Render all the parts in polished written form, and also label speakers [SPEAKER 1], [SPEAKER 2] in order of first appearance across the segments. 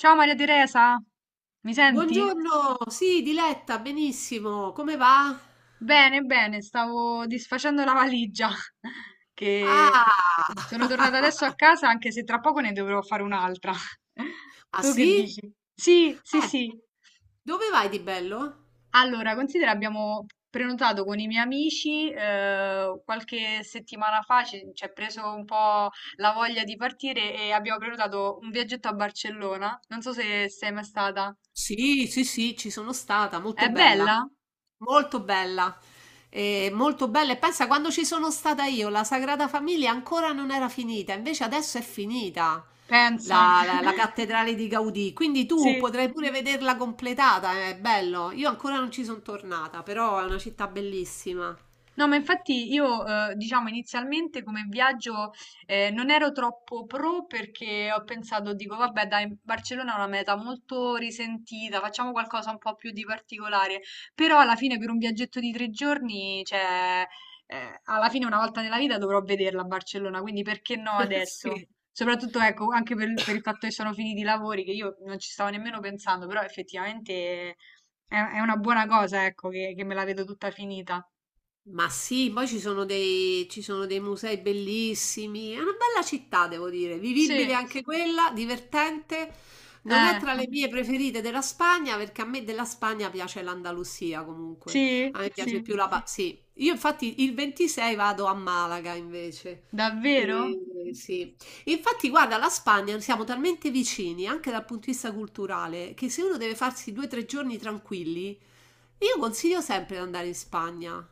[SPEAKER 1] Ciao Maria Teresa, mi senti?
[SPEAKER 2] Buongiorno, sì, Diletta, benissimo, come va?
[SPEAKER 1] Bene, bene, stavo disfacendo la valigia che sono tornata adesso
[SPEAKER 2] Ah,
[SPEAKER 1] a casa anche se tra poco ne dovrò fare un'altra.
[SPEAKER 2] ah
[SPEAKER 1] Tu che
[SPEAKER 2] sì?
[SPEAKER 1] dici? Sì, sì,
[SPEAKER 2] Eh,
[SPEAKER 1] sì.
[SPEAKER 2] dove vai di bello?
[SPEAKER 1] Allora, considera, abbiamo prenotato con i miei amici qualche settimana fa, ci è preso un po' la voglia di partire e abbiamo prenotato un viaggetto a Barcellona. Non so se sei mai stata.
[SPEAKER 2] Sì, sì, sì, ci sono stata,
[SPEAKER 1] È
[SPEAKER 2] molto bella,
[SPEAKER 1] bella?
[SPEAKER 2] molto bella, molto bella. E pensa, quando ci sono stata io, la Sagrada Famiglia ancora non era finita, invece adesso è finita
[SPEAKER 1] Pensa.
[SPEAKER 2] la cattedrale di Gaudì, quindi tu
[SPEAKER 1] Sì.
[SPEAKER 2] potrai pure vederla completata, è bello. Io ancora non ci sono tornata, però è una città bellissima.
[SPEAKER 1] No, ma infatti io, diciamo, inizialmente come viaggio non ero troppo pro perché ho pensato, dico, vabbè, dai, Barcellona è una meta molto risentita, facciamo qualcosa un po' più di particolare. Però alla fine per un viaggetto di 3 giorni, cioè, alla fine una volta nella vita dovrò vederla a Barcellona, quindi perché no
[SPEAKER 2] Sì.
[SPEAKER 1] adesso? Soprattutto, ecco, anche per il fatto che sono finiti i lavori, che io non ci stavo nemmeno pensando, però effettivamente è una buona cosa, ecco, che me la vedo tutta finita.
[SPEAKER 2] Ma sì, poi ci sono dei musei bellissimi. È una bella città, devo dire, vivibile
[SPEAKER 1] Sì.
[SPEAKER 2] anche quella, divertente. Non è
[SPEAKER 1] Eh,
[SPEAKER 2] tra le mie preferite della Spagna, perché a me della Spagna piace l'Andalusia comunque.
[SPEAKER 1] sì,
[SPEAKER 2] A me piace
[SPEAKER 1] sì,
[SPEAKER 2] più la... pa- Sì, io infatti il 26 vado a Malaga invece.
[SPEAKER 1] davvero?
[SPEAKER 2] E- sì. Infatti, guarda, la Spagna siamo talmente vicini anche dal punto di vista culturale che se uno deve farsi due o tre giorni tranquilli, io consiglio sempre di andare in Spagna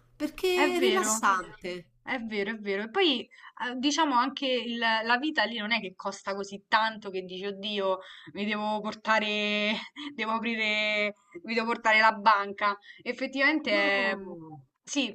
[SPEAKER 1] È
[SPEAKER 2] perché è
[SPEAKER 1] vero,
[SPEAKER 2] rilassante.
[SPEAKER 1] è vero, è vero. E poi diciamo anche la vita lì non è che costa così tanto che dici, oddio, mi devo portare, devo aprire, mi devo portare la banca. Effettivamente è,
[SPEAKER 2] No,
[SPEAKER 1] sì,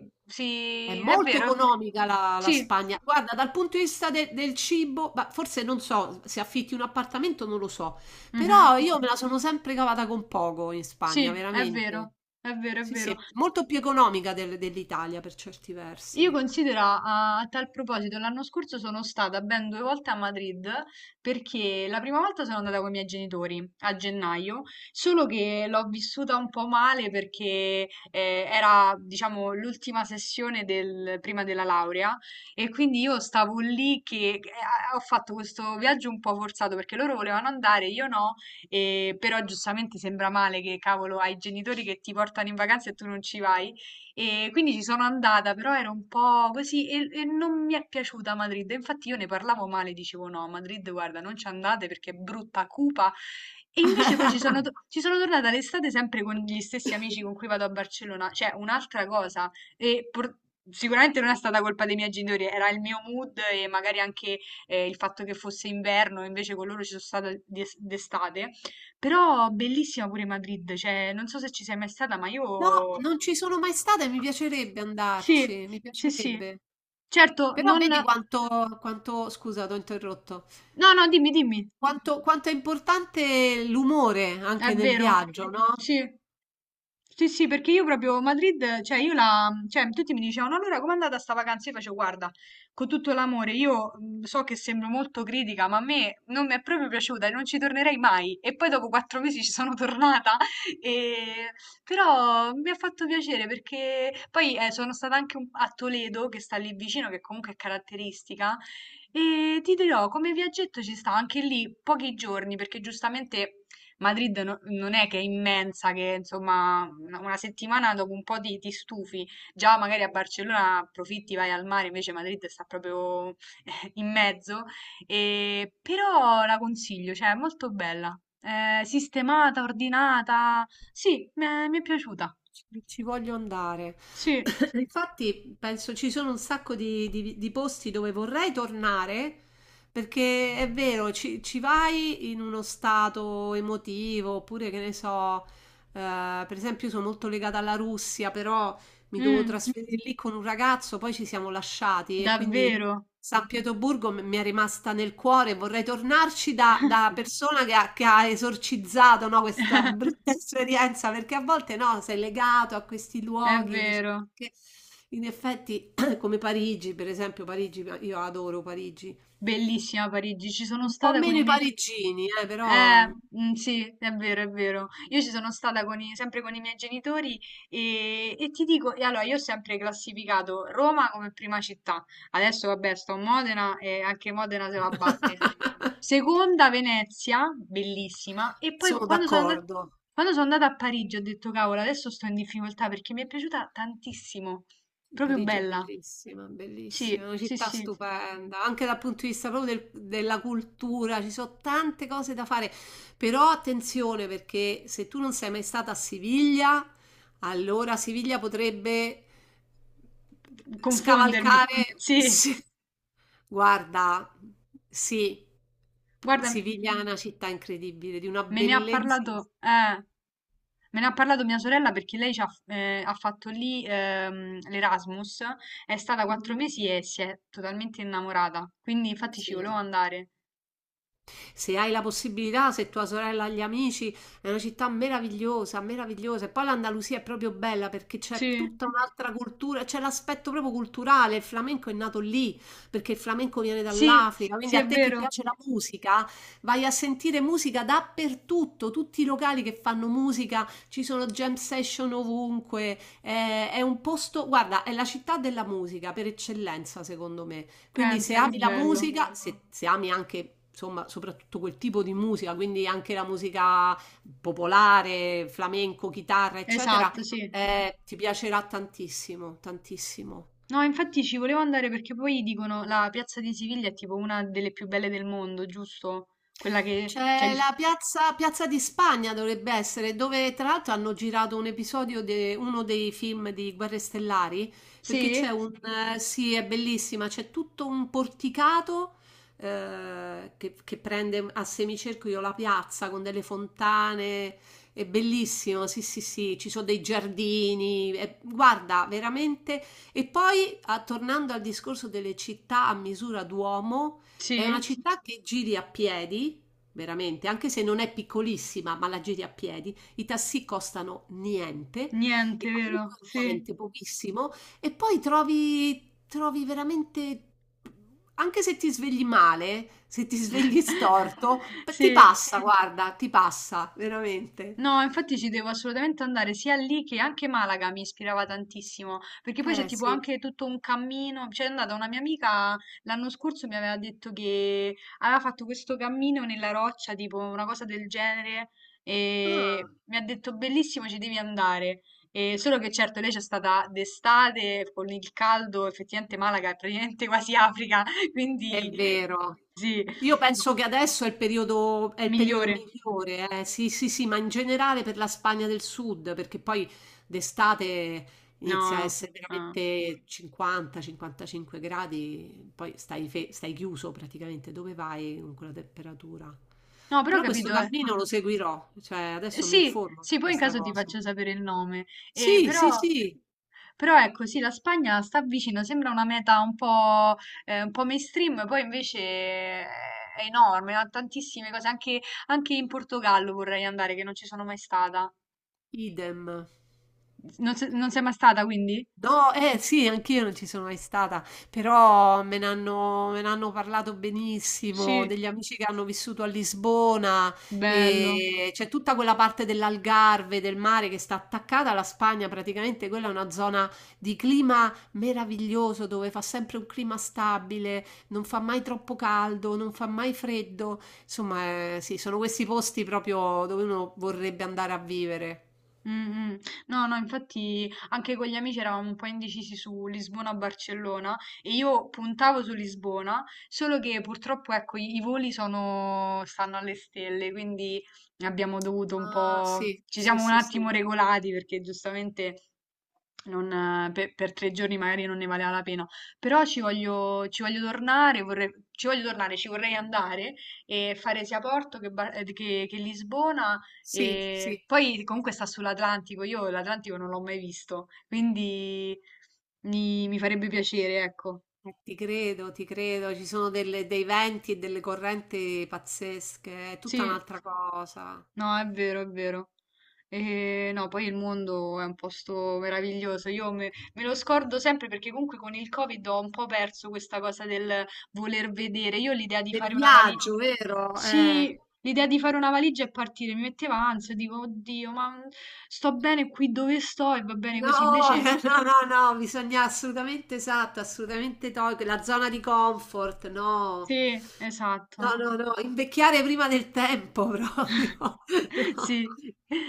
[SPEAKER 2] è
[SPEAKER 1] sì, è
[SPEAKER 2] molto
[SPEAKER 1] vero.
[SPEAKER 2] economica la
[SPEAKER 1] Sì,
[SPEAKER 2] Spagna. Guarda, dal punto di vista de- del cibo, ma forse non so se affitti un appartamento, non lo so,
[SPEAKER 1] mhm,
[SPEAKER 2] però io me la sono sempre cavata con poco in Spagna,
[SPEAKER 1] sì, è vero,
[SPEAKER 2] veramente.
[SPEAKER 1] è vero, è
[SPEAKER 2] Sì, sì,
[SPEAKER 1] vero.
[SPEAKER 2] è molto più economica del- dell'Italia per certi
[SPEAKER 1] Io
[SPEAKER 2] versi.
[SPEAKER 1] considera, a tal proposito, l'anno scorso sono stata ben due volte a Madrid perché la prima volta sono andata con i miei genitori a gennaio, solo che l'ho vissuta un po' male perché era, diciamo, l'ultima sessione del, prima della laurea e quindi io stavo lì che ho fatto questo viaggio un po' forzato perché loro volevano andare, io no, però giustamente sembra male che cavolo hai i genitori che ti portano in vacanza e tu non ci vai. E quindi ci sono andata, però era un po' così e non mi è piaciuta Madrid. Infatti io ne parlavo male, dicevo no, a Madrid, guarda, non ci andate perché è brutta, cupa. E invece poi ci sono tornata l'estate sempre con gli stessi amici con cui vado a Barcellona, cioè un'altra cosa. E por- sicuramente non è stata colpa dei miei genitori, era il mio mood e magari anche il fatto che fosse inverno, invece con loro ci sono stata d'estate. Però bellissima pure Madrid, cioè non so se ci sei mai stata, ma
[SPEAKER 2] No,
[SPEAKER 1] io
[SPEAKER 2] non ci sono mai stata e mi piacerebbe
[SPEAKER 1] sì,
[SPEAKER 2] andarci, mi
[SPEAKER 1] sì, sì.
[SPEAKER 2] piacerebbe.
[SPEAKER 1] Certo,
[SPEAKER 2] Però
[SPEAKER 1] non
[SPEAKER 2] vedi
[SPEAKER 1] no,
[SPEAKER 2] quanto... Scusa, ti ho interrotto.
[SPEAKER 1] no, dimmi, dimmi.
[SPEAKER 2] Quanto è importante l'umore
[SPEAKER 1] È
[SPEAKER 2] anche nel
[SPEAKER 1] vero.
[SPEAKER 2] viaggio, no?
[SPEAKER 1] Sì. Sì, sì, perché io proprio Madrid, cioè cioè tutti mi dicevano: "No, allora com'è andata sta vacanza?" Io facevo guarda, con tutto l'amore, io so che sembro molto critica, ma a me non mi è proprio piaciuta e non ci tornerei mai. E poi dopo 4 mesi ci sono tornata, e... però mi ha fatto piacere perché poi sono stata anche a Toledo, che sta lì vicino, che comunque è caratteristica, e ti dirò, come viaggetto ci sta anche lì pochi giorni, perché giustamente... Madrid non è che è immensa, che insomma una settimana dopo un po' ti stufi, già magari a Barcellona approfitti, vai al mare, invece Madrid sta proprio in mezzo, però la consiglio, cioè è molto bella. Sistemata, ordinata, sì, mi è piaciuta,
[SPEAKER 2] Ci voglio andare.
[SPEAKER 1] sì.
[SPEAKER 2] Infatti, penso ci sono un sacco di posti dove vorrei tornare, perché è vero, ci vai in uno stato emotivo, oppure che ne so, per esempio, io sono molto legata alla Russia, però mi dovevo
[SPEAKER 1] Mm,
[SPEAKER 2] trasferire lì con un ragazzo, poi ci siamo lasciati e quindi
[SPEAKER 1] davvero,
[SPEAKER 2] San Pietroburgo m- mi è rimasta nel cuore, vorrei tornarci da persona che ha esorcizzato, no, questa brutta esperienza, perché a volte no, sei legato a questi
[SPEAKER 1] è
[SPEAKER 2] luoghi, dici,
[SPEAKER 1] vero,
[SPEAKER 2] che in effetti come Parigi, per esempio, Parigi, io adoro Parigi,
[SPEAKER 1] bellissima Parigi, ci sono
[SPEAKER 2] un po'
[SPEAKER 1] stata con
[SPEAKER 2] meno
[SPEAKER 1] i
[SPEAKER 2] i
[SPEAKER 1] miei...
[SPEAKER 2] parigini, però
[SPEAKER 1] Mhmm, sì, è vero, è vero. Io ci sono stata con i sempre con i miei genitori, e ti dico e allora io ho sempre classificato Roma come prima città. Adesso vabbè sto a Modena e anche Modena se la batte. Seconda Venezia, bellissima, e poi
[SPEAKER 2] sono d'accordo.
[SPEAKER 1] quando sono andata a Parigi ho detto: "Cavolo, adesso sto in difficoltà" perché mi è piaciuta tantissimo. Proprio
[SPEAKER 2] Parigi è
[SPEAKER 1] bella.
[SPEAKER 2] bellissima, bellissima,
[SPEAKER 1] Sì,
[SPEAKER 2] è una
[SPEAKER 1] sì,
[SPEAKER 2] città
[SPEAKER 1] sì.
[SPEAKER 2] stupenda, anche dal punto di vista proprio del- della cultura, ci sono tante cose da fare, però attenzione perché se tu non sei mai stata a Siviglia, allora Siviglia potrebbe
[SPEAKER 1] Confondermi.
[SPEAKER 2] scavalcare.
[SPEAKER 1] Sì,
[SPEAKER 2] Sì. Guarda, sì,
[SPEAKER 1] guarda.
[SPEAKER 2] Siviglia è una città incredibile, di una
[SPEAKER 1] Me ne ha
[SPEAKER 2] bellezza.
[SPEAKER 1] parlato, eh, me ne ha parlato mia sorella perché lei ha fatto lì l'Erasmus, è stata quattro
[SPEAKER 2] Mm,
[SPEAKER 1] mesi e si è totalmente innamorata, quindi infatti ci volevo
[SPEAKER 2] sì.
[SPEAKER 1] andare.
[SPEAKER 2] Se hai la possibilità, se tua sorella ha gli amici, è una città meravigliosa, meravigliosa. E poi l'Andalusia è proprio bella perché c'è
[SPEAKER 1] Sì,
[SPEAKER 2] tutta un'altra cultura, c'è l'aspetto proprio culturale. Il flamenco è nato lì perché il flamenco viene
[SPEAKER 1] sì,
[SPEAKER 2] dall'Africa. Quindi
[SPEAKER 1] sì,
[SPEAKER 2] a
[SPEAKER 1] è
[SPEAKER 2] te che
[SPEAKER 1] vero.
[SPEAKER 2] piace la musica, vai a sentire musica dappertutto. Tutti i locali che fanno musica, ci sono jam session ovunque. È un posto, guarda, è la città della musica per eccellenza, secondo me. Quindi se
[SPEAKER 1] Pensa, che
[SPEAKER 2] ami la
[SPEAKER 1] bello.
[SPEAKER 2] musica, se ami anche, insomma, soprattutto quel tipo di musica, quindi anche la musica popolare, flamenco, chitarra, eccetera,
[SPEAKER 1] Esatto, sì.
[SPEAKER 2] ti piacerà tantissimo, tantissimo.
[SPEAKER 1] No, infatti ci volevo andare perché poi dicono la piazza di Siviglia è tipo una delle più belle del mondo, giusto? Quella che c'è
[SPEAKER 2] C'è
[SPEAKER 1] il...
[SPEAKER 2] la piazza, Piazza di Spagna dovrebbe essere, dove tra l'altro hanno girato un episodio di uno dei film di Guerre Stellari, perché
[SPEAKER 1] Sì?
[SPEAKER 2] c'è un... sì, è bellissima, c'è tutto un porticato che prende a semicerchio la piazza con delle fontane, è bellissimo, sì, sì, sì, ci sono dei giardini, è- guarda, veramente... E poi, a- tornando al discorso delle città a misura d'uomo, è una
[SPEAKER 1] Sì?
[SPEAKER 2] città che giri a piedi. Veramente, anche se non è piccolissima, ma la giri a piedi, i taxi costano niente e
[SPEAKER 1] Niente, vero?
[SPEAKER 2] comunque
[SPEAKER 1] Sì.
[SPEAKER 2] niente, pochissimo. E poi trovi veramente, anche se ti svegli male, se ti svegli storto, p- ti
[SPEAKER 1] Sì,
[SPEAKER 2] passa, guarda, ti passa, veramente.
[SPEAKER 1] no, infatti ci devo assolutamente andare sia lì che anche Malaga mi ispirava tantissimo, perché poi c'è
[SPEAKER 2] Eh
[SPEAKER 1] tipo
[SPEAKER 2] sì.
[SPEAKER 1] anche tutto un cammino, c'è andata una mia amica l'anno scorso mi aveva detto che aveva fatto questo cammino nella roccia, tipo una cosa del genere,
[SPEAKER 2] Ah.
[SPEAKER 1] e mi ha detto bellissimo, ci devi andare. E solo che certo lei c'è stata d'estate con il caldo, effettivamente Malaga è praticamente quasi Africa,
[SPEAKER 2] È
[SPEAKER 1] quindi
[SPEAKER 2] vero.
[SPEAKER 1] sì,
[SPEAKER 2] Io penso che adesso è il periodo
[SPEAKER 1] migliore.
[SPEAKER 2] migliore, eh. Sì, sì, sì, ma in generale per la Spagna del Sud, perché poi d'estate inizia a
[SPEAKER 1] No,
[SPEAKER 2] essere
[SPEAKER 1] ah.
[SPEAKER 2] veramente 50-55 gradi, poi stai, fe- stai chiuso praticamente, dove vai con quella temperatura?
[SPEAKER 1] No, però ho
[SPEAKER 2] Però questo
[SPEAKER 1] capito, eh.
[SPEAKER 2] cammino lo seguirò, cioè adesso mi
[SPEAKER 1] Sì,
[SPEAKER 2] informo
[SPEAKER 1] sì,
[SPEAKER 2] su
[SPEAKER 1] poi in
[SPEAKER 2] questa
[SPEAKER 1] caso ti
[SPEAKER 2] cosa.
[SPEAKER 1] faccio sapere il nome. Eh,
[SPEAKER 2] Sì, sì,
[SPEAKER 1] però,
[SPEAKER 2] sì,
[SPEAKER 1] però ecco, sì, la Spagna sta vicino, sembra una meta un po' mainstream, poi invece è enorme, ha tantissime cose, anche in Portogallo vorrei andare, che non ci sono mai stata.
[SPEAKER 2] idem.
[SPEAKER 1] Non sei mai stata, quindi?
[SPEAKER 2] No, eh sì, anch'io non ci sono mai stata, però me ne hanno parlato benissimo,
[SPEAKER 1] Sì,
[SPEAKER 2] degli amici che hanno vissuto a Lisbona
[SPEAKER 1] bello.
[SPEAKER 2] e c'è tutta quella parte dell'Algarve, del mare che sta attaccata alla Spagna, praticamente quella è una zona di clima meraviglioso dove fa sempre un clima stabile, non fa mai troppo caldo, non fa mai freddo, insomma, sì, sono questi posti proprio dove uno vorrebbe andare a vivere.
[SPEAKER 1] Mh-mh. No, no, infatti anche con gli amici eravamo un po' indecisi su Lisbona o Barcellona e io puntavo su Lisbona, solo che purtroppo ecco i voli sono stanno alle stelle, quindi abbiamo dovuto un
[SPEAKER 2] Ah,
[SPEAKER 1] po'
[SPEAKER 2] sì,
[SPEAKER 1] ci
[SPEAKER 2] sì,
[SPEAKER 1] siamo un
[SPEAKER 2] sì, sì.
[SPEAKER 1] attimo regolati perché giustamente non, per 3 giorni magari non ne valeva la pena, però ci voglio tornare, vorrei, ci voglio tornare, ci vorrei andare e fare sia Porto che Lisbona
[SPEAKER 2] Sì, sì.
[SPEAKER 1] e poi comunque sta sull'Atlantico, io l'Atlantico non l'ho mai visto, quindi mi farebbe piacere, ecco.
[SPEAKER 2] Ti credo, ti credo, ci sono delle- dei venti e delle correnti pazzesche, è tutta
[SPEAKER 1] Sì,
[SPEAKER 2] un'altra cosa.
[SPEAKER 1] no, è vero, è vero. E no, poi il mondo è un posto meraviglioso. Io me lo scordo sempre perché comunque con il Covid ho un po' perso questa cosa del voler vedere. Io l'idea di
[SPEAKER 2] Del
[SPEAKER 1] fare una valigia.
[SPEAKER 2] viaggio, vero?
[SPEAKER 1] Sì, l'idea di fare una valigia e partire mi metteva ansia, dico, oddio, ma sto bene qui dove sto e va bene così.
[SPEAKER 2] No,
[SPEAKER 1] Invece,
[SPEAKER 2] no, no, no, bisogna assolutamente, esatto, assolutamente togliere la zona di comfort, no,
[SPEAKER 1] sì, esatto.
[SPEAKER 2] no, no, no, invecchiare prima del tempo proprio, no.
[SPEAKER 1] Sì,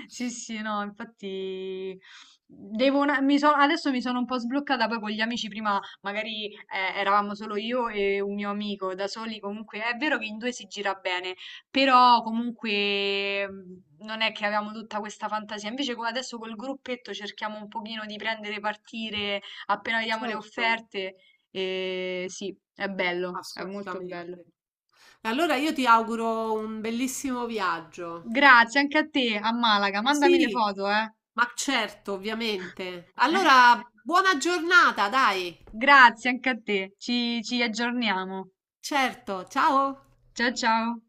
[SPEAKER 1] sì, sì, no, infatti devo una- mi so- adesso mi sono un po' sbloccata, poi con gli amici prima magari eravamo solo io e un mio amico, da soli comunque è vero che in due si gira bene, però comunque non è che avevamo tutta questa fantasia, invece adesso col gruppetto cerchiamo un pochino di prendere partire appena vediamo le
[SPEAKER 2] Certo,
[SPEAKER 1] offerte e sì, è bello, è molto bello.
[SPEAKER 2] assolutamente. Allora io ti auguro un bellissimo viaggio.
[SPEAKER 1] Grazie anche a te, a Malaga, mandami le
[SPEAKER 2] Sì,
[SPEAKER 1] foto, eh.
[SPEAKER 2] ma certo, ovviamente. Allora, buona giornata, dai.
[SPEAKER 1] Grazie anche a te, ci aggiorniamo.
[SPEAKER 2] Certo, ciao.
[SPEAKER 1] Ciao ciao.